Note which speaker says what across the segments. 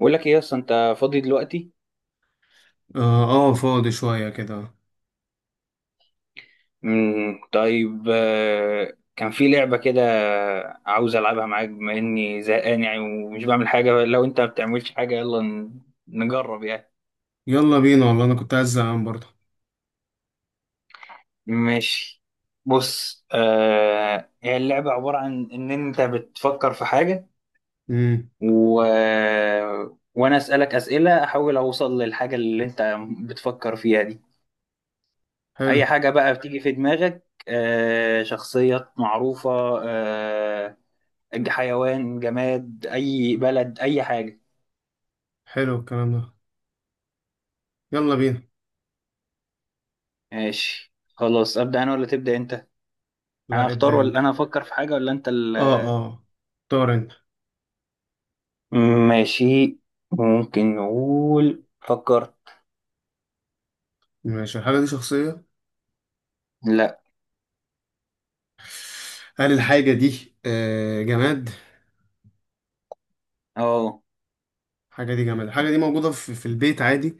Speaker 1: بقول لك ايه اصلا انت فاضي دلوقتي؟
Speaker 2: اه. آه، فاضي شوية كده.
Speaker 1: مم. طيب، كان في لعبة كده. عاوز العبها معاك بما اني زهقان يعني، ومش بعمل حاجة. لو انت ما بتعملش حاجة، يلا نجرب يعني.
Speaker 2: يلا بينا والله، انا كنت عايز زهقان برضه.
Speaker 1: ماشي. بص، هي اللعبة عبارة عن ان انت بتفكر في حاجة،
Speaker 2: امم
Speaker 1: و... وانا اسألك اسئلة، احاول اوصل للحاجة اللي انت بتفكر فيها دي.
Speaker 2: حلو.
Speaker 1: اي حاجة بقى بتيجي في دماغك، شخصيات معروفة، آه، حيوان، جماد، أي بلد، أي حاجة.
Speaker 2: حلو الكلام ده. يلا بينا.
Speaker 1: ماشي خلاص، أبدأ أنا ولا تبدأ أنت؟ أنا
Speaker 2: لا،
Speaker 1: أختار،
Speaker 2: ابدأ انت.
Speaker 1: ولا أنا أفكر في حاجة، ولا أنت
Speaker 2: اه اه، اختار انت.
Speaker 1: ماشي. ممكن نقول فكرت.
Speaker 2: ماشي. الحاجة دي شخصية؟
Speaker 1: لا.
Speaker 2: هل الحاجة دي جماد؟
Speaker 1: أه،
Speaker 2: الحاجة دي جماد. الحاجة دي موجودة في البيت عادي؟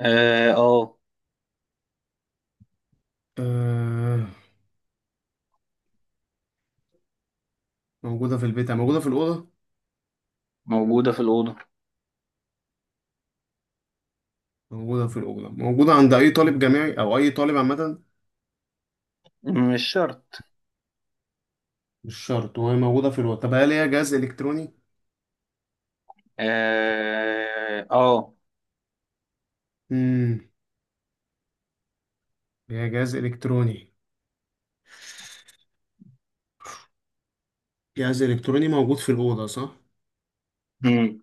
Speaker 1: أه. آه.
Speaker 2: آه. موجودة في البيت، موجودة في الأوضة.
Speaker 1: موجودة في الأوضة.
Speaker 2: موجودة في الأوضة، موجودة عند أي طالب جامعي أو أي طالب عامة.
Speaker 1: مش شرط.
Speaker 2: مش شرط. وهي موجودة في الأوضة. طب هل هي جهاز إلكتروني؟
Speaker 1: أه، أه.
Speaker 2: امم هي جهاز إلكتروني. جهاز إلكتروني موجود في الأوضة صح؟
Speaker 1: مم.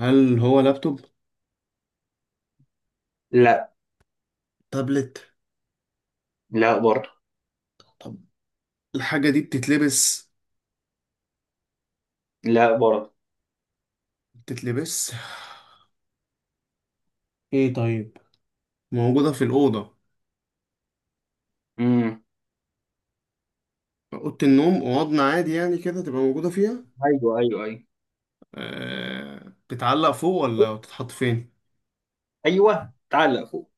Speaker 2: هل هو لابتوب؟
Speaker 1: لا.
Speaker 2: تابلت؟
Speaker 1: لا برضه.
Speaker 2: طب الحاجة دي بتتلبس؟
Speaker 1: لا برضه.
Speaker 2: بتتلبس؟ إيه طيب؟ موجودة في الأوضة.
Speaker 1: مم.
Speaker 2: أوضة النوم، أوضنا عادي يعني كده، تبقى موجودة فيها؟
Speaker 1: أيوه، أيوه، أيوه.
Speaker 2: بتتعلق فوق ولا بتتحط فين؟
Speaker 1: أيوه، تعلق فوق.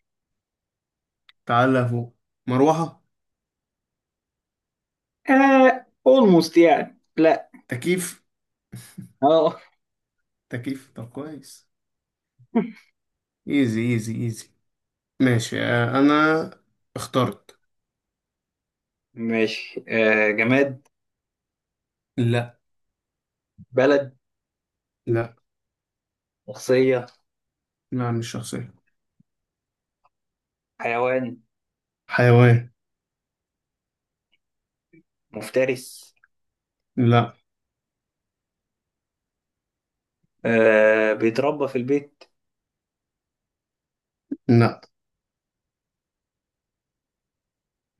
Speaker 2: بتتعلق فوق. مروحة؟
Speaker 1: آه، أولموست يعني، لا.
Speaker 2: تكييف؟
Speaker 1: أه.
Speaker 2: تكييف. طب كويس. إيزي إيزي إيزي. ماشي. أنا اخترت.
Speaker 1: ماشي، جماد؟
Speaker 2: لا.
Speaker 1: بلد؟
Speaker 2: لا.
Speaker 1: شخصية؟
Speaker 2: لا، مش شخصية.
Speaker 1: حيوان؟
Speaker 2: حيوان.
Speaker 1: مفترس؟
Speaker 2: لا.
Speaker 1: آه، بيتربى في البيت؟
Speaker 2: لا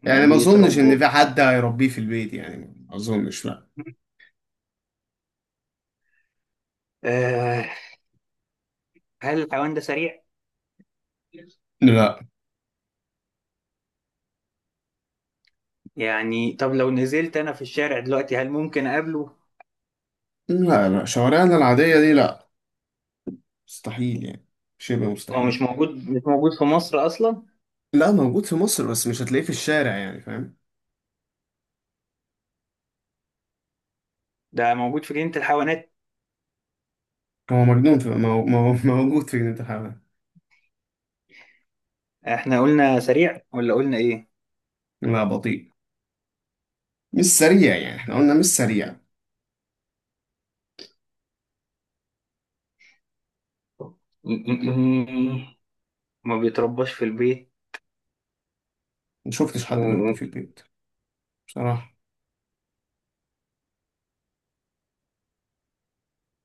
Speaker 1: ما
Speaker 2: يعني ما اظنش ان
Speaker 1: بيتربى؟
Speaker 2: في حد هيربيه في البيت، يعني ما اظنش. لا
Speaker 1: آه. هل الحيوان ده سريع؟
Speaker 2: لا.
Speaker 1: يعني طب لو نزلت أنا في الشارع دلوقتي، هل ممكن أقابله؟
Speaker 2: لا. لا، شوارعنا العادية دي لا. مستحيل يعني. شبه
Speaker 1: هو مش
Speaker 2: مستحيل.
Speaker 1: موجود، مش موجود في مصر أصلا؟
Speaker 2: لا، موجود في مصر بس مش هتلاقيه في الشارع يعني، فاهم؟
Speaker 1: ده موجود في جنينة الحيوانات.
Speaker 2: هو مجنون في موجود في جنينة الحيوان.
Speaker 1: احنا قلنا سريع ولا قلنا إيه؟
Speaker 2: لا، بطيء. مش سريع يعني. احنا قلنا مش سريع.
Speaker 1: ما بيترباش في البيت.
Speaker 2: ما شفتش حد بيربيه في
Speaker 1: وممكن
Speaker 2: البيت بصراحة.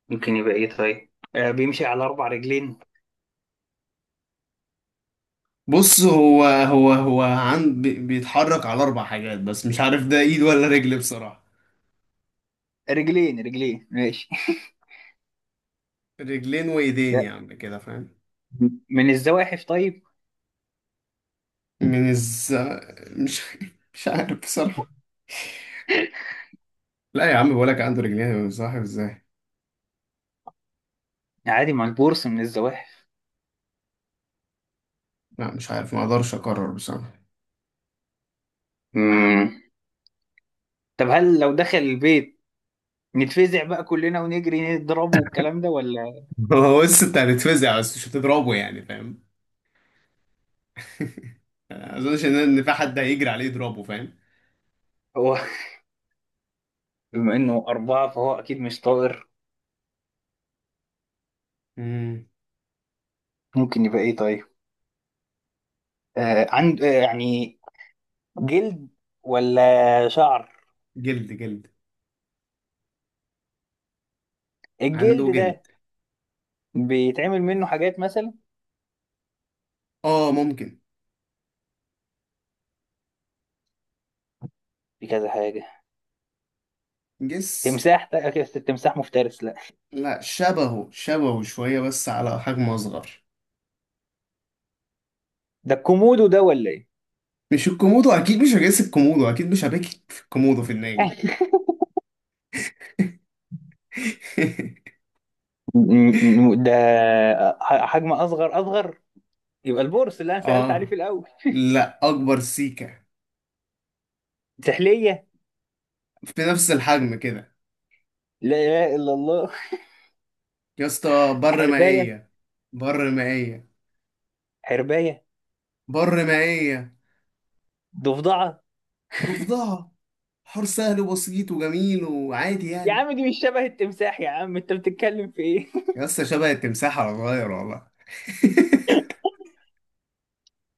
Speaker 1: يبقى إيه طيب؟ آه، بيمشي على أربع رجلين.
Speaker 2: بص، هو بيتحرك على أربع حاجات، بس مش عارف ده إيد ولا رجل بصراحة.
Speaker 1: رجلين، رجلين، ماشي.
Speaker 2: رجلين وإيدين يعني كده، فاهم؟
Speaker 1: من الزواحف طيب.
Speaker 2: من الز مش مش عارف بصراحة. لا يا عم، بقولك عنده رجلين، صاحب ازاي؟
Speaker 1: عادي، ما البورصة من الزواحف.
Speaker 2: لا، مش عارف، ما اقدرش اقرر بصراحة.
Speaker 1: مم. طب هل لو دخل البيت نتفزع بقى كلنا ونجري نضربه والكلام ده، ولا؟
Speaker 2: هو بس انت هتتفزع، بس مش هتضربه يعني، فاهم؟ ما اظنش ان في حد هيجري عليه يضربه، فاهم؟
Speaker 1: هو بما انه أربعة فهو أكيد مش طائر.
Speaker 2: مم.
Speaker 1: ممكن يبقى إيه طيب؟ آه، عند، آه، يعني جلد ولا شعر؟
Speaker 2: جلد جلد.
Speaker 1: الجلد
Speaker 2: عنده
Speaker 1: ده
Speaker 2: جلد.
Speaker 1: بيتعمل منه حاجات مثلا،
Speaker 2: اه ممكن.
Speaker 1: في كذا حاجة.
Speaker 2: جس.
Speaker 1: تمساح؟ أكيد التمساح مفترس، لا.
Speaker 2: لا، شبهه شبهه شوية، بس على حجم اصغر.
Speaker 1: ده الكومودو ده ولا إيه؟
Speaker 2: مش الكومودو. اكيد مش هجس الكومودو. اكيد مش هبكي في الكومودو في النادي.
Speaker 1: ده حجم أصغر، أصغر. يبقى البورس اللي انا سالت عليه في
Speaker 2: اه.
Speaker 1: الاول.
Speaker 2: لا، اكبر. سيكا؟
Speaker 1: سحليه.
Speaker 2: في نفس الحجم كده.
Speaker 1: لا اله الا الله.
Speaker 2: يا اسطى، بر
Speaker 1: حربايه.
Speaker 2: مائية. بر مائية.
Speaker 1: حربايه.
Speaker 2: بر مائية.
Speaker 1: ضفدعه.
Speaker 2: ضفدعة. حوار سهل وبسيط وجميل وعادي
Speaker 1: يا
Speaker 2: يعني.
Speaker 1: عم، دي مش شبه التمساح، يا عم انت بتتكلم في ايه؟
Speaker 2: يا اسطى، شبه التمساح على صغير والله.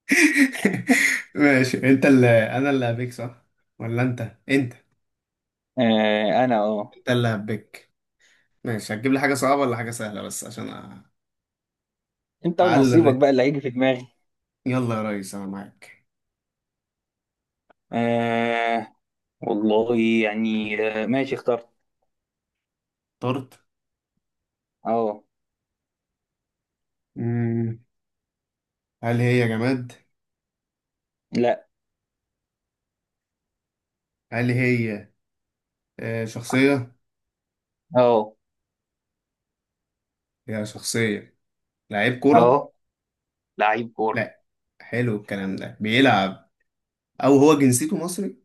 Speaker 2: ماشي، انت اللي انا اللي هبيك، صح؟ ولا انت
Speaker 1: آه، انا، اه.
Speaker 2: انت اللي هبيك. ماشي، هتجيب لي حاجة صعبة ولا حاجة سهلة بس عشان
Speaker 1: انت
Speaker 2: اعلي
Speaker 1: ونصيبك
Speaker 2: الريتم.
Speaker 1: بقى اللي هيجي في دماغي.
Speaker 2: يلا يا ريس، انا معاك.
Speaker 1: آه، والله، يعني ماشي، اخترت.
Speaker 2: طرت؟
Speaker 1: اه.
Speaker 2: مم. هل هي جماد؟
Speaker 1: لا.
Speaker 2: هل هي شخصية؟
Speaker 1: اه،
Speaker 2: هي شخصية. لعيب كورة.
Speaker 1: اه. لعيب كورة.
Speaker 2: لا. حلو الكلام ده، بيلعب. او هو جنسيته مصري.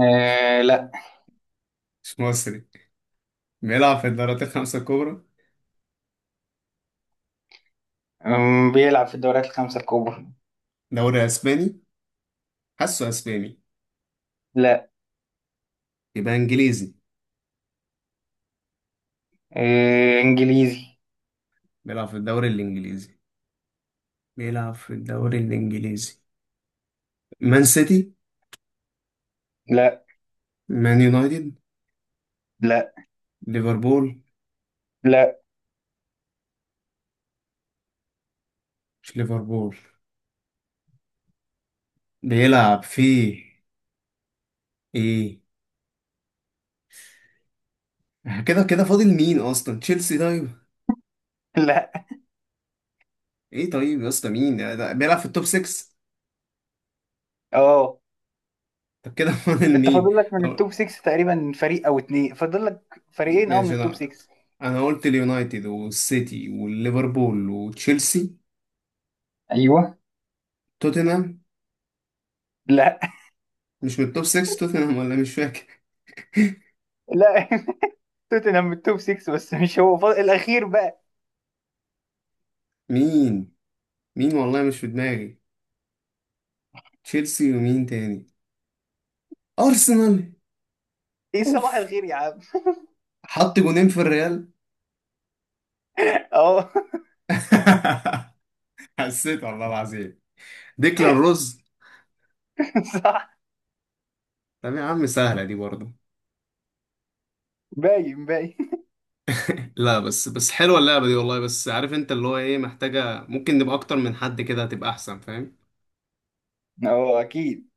Speaker 1: آه. لا.
Speaker 2: مش مصري. بيلعب في الدوريات الخمسة الكبرى.
Speaker 1: بيلعب في الدوريات الخمسة الكبرى.
Speaker 2: دوري اسباني. حاسه اسباني.
Speaker 1: لا.
Speaker 2: يبقى انجليزي.
Speaker 1: آه، انجليزي.
Speaker 2: بيلعب في الدوري الانجليزي. بيلعب في الدوري الانجليزي. مان سيتي.
Speaker 1: لا.
Speaker 2: مان يونايتد.
Speaker 1: لا.
Speaker 2: ليفربول.
Speaker 1: لا.
Speaker 2: مش ليفربول. بيلعب في ايه؟ كده كده فاضل مين اصلا. تشيلسي طيب؟
Speaker 1: لا.
Speaker 2: ايه طيب يا اسطى، مين ده بيلعب في التوب 6؟
Speaker 1: اه.
Speaker 2: طب كده فاضل
Speaker 1: انت
Speaker 2: مين؟
Speaker 1: فاضل لك من
Speaker 2: طب
Speaker 1: التوب 6 تقريبا فريق او اتنين، فاضل لك فريقين او من
Speaker 2: ماشي.
Speaker 1: التوب
Speaker 2: لا،
Speaker 1: 6.
Speaker 2: انا قلت اليونايتد والسيتي والليفربول وتشيلسي.
Speaker 1: ايوه.
Speaker 2: توتنهام.
Speaker 1: لا.
Speaker 2: مش من التوب 6 توتنهام، ولا مش فاكر؟
Speaker 1: لا. توتنهام من التوب 6، بس مش هو، فاضل الاخير بقى.
Speaker 2: مين مين والله، مش في دماغي. تشيلسي ومين تاني؟ ارسنال.
Speaker 1: ايه؟ صباح
Speaker 2: اوف.
Speaker 1: الخير يا عم.
Speaker 2: حط جونين في الريال.
Speaker 1: اه.
Speaker 2: حسيت والله العظيم. ديكلان روز.
Speaker 1: صح.
Speaker 2: طب يا عم، سهلة دي برضه.
Speaker 1: باين، باين.
Speaker 2: لا، بس حلوة اللعبة دي والله، بس عارف انت اللي هو ايه، محتاجة ممكن نبقى اكتر من حد كده، هتبقى احسن، فاهم؟
Speaker 1: اه، اكيد.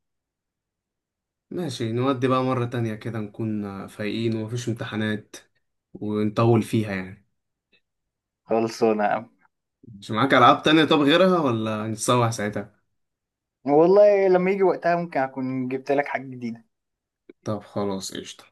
Speaker 2: ماشي نودي بقى مرة تانية كده، نكون فايقين ومفيش امتحانات، ونطول فيها يعني.
Speaker 1: خلصانه يا عم.
Speaker 2: مش معاك ألعاب تانية؟ طب غيرها ولا نتسوح ساعتها.
Speaker 1: والله لما يجي وقتها ممكن اكون جبت لك حاجه جديده.
Speaker 2: طب خلاص، قشطة.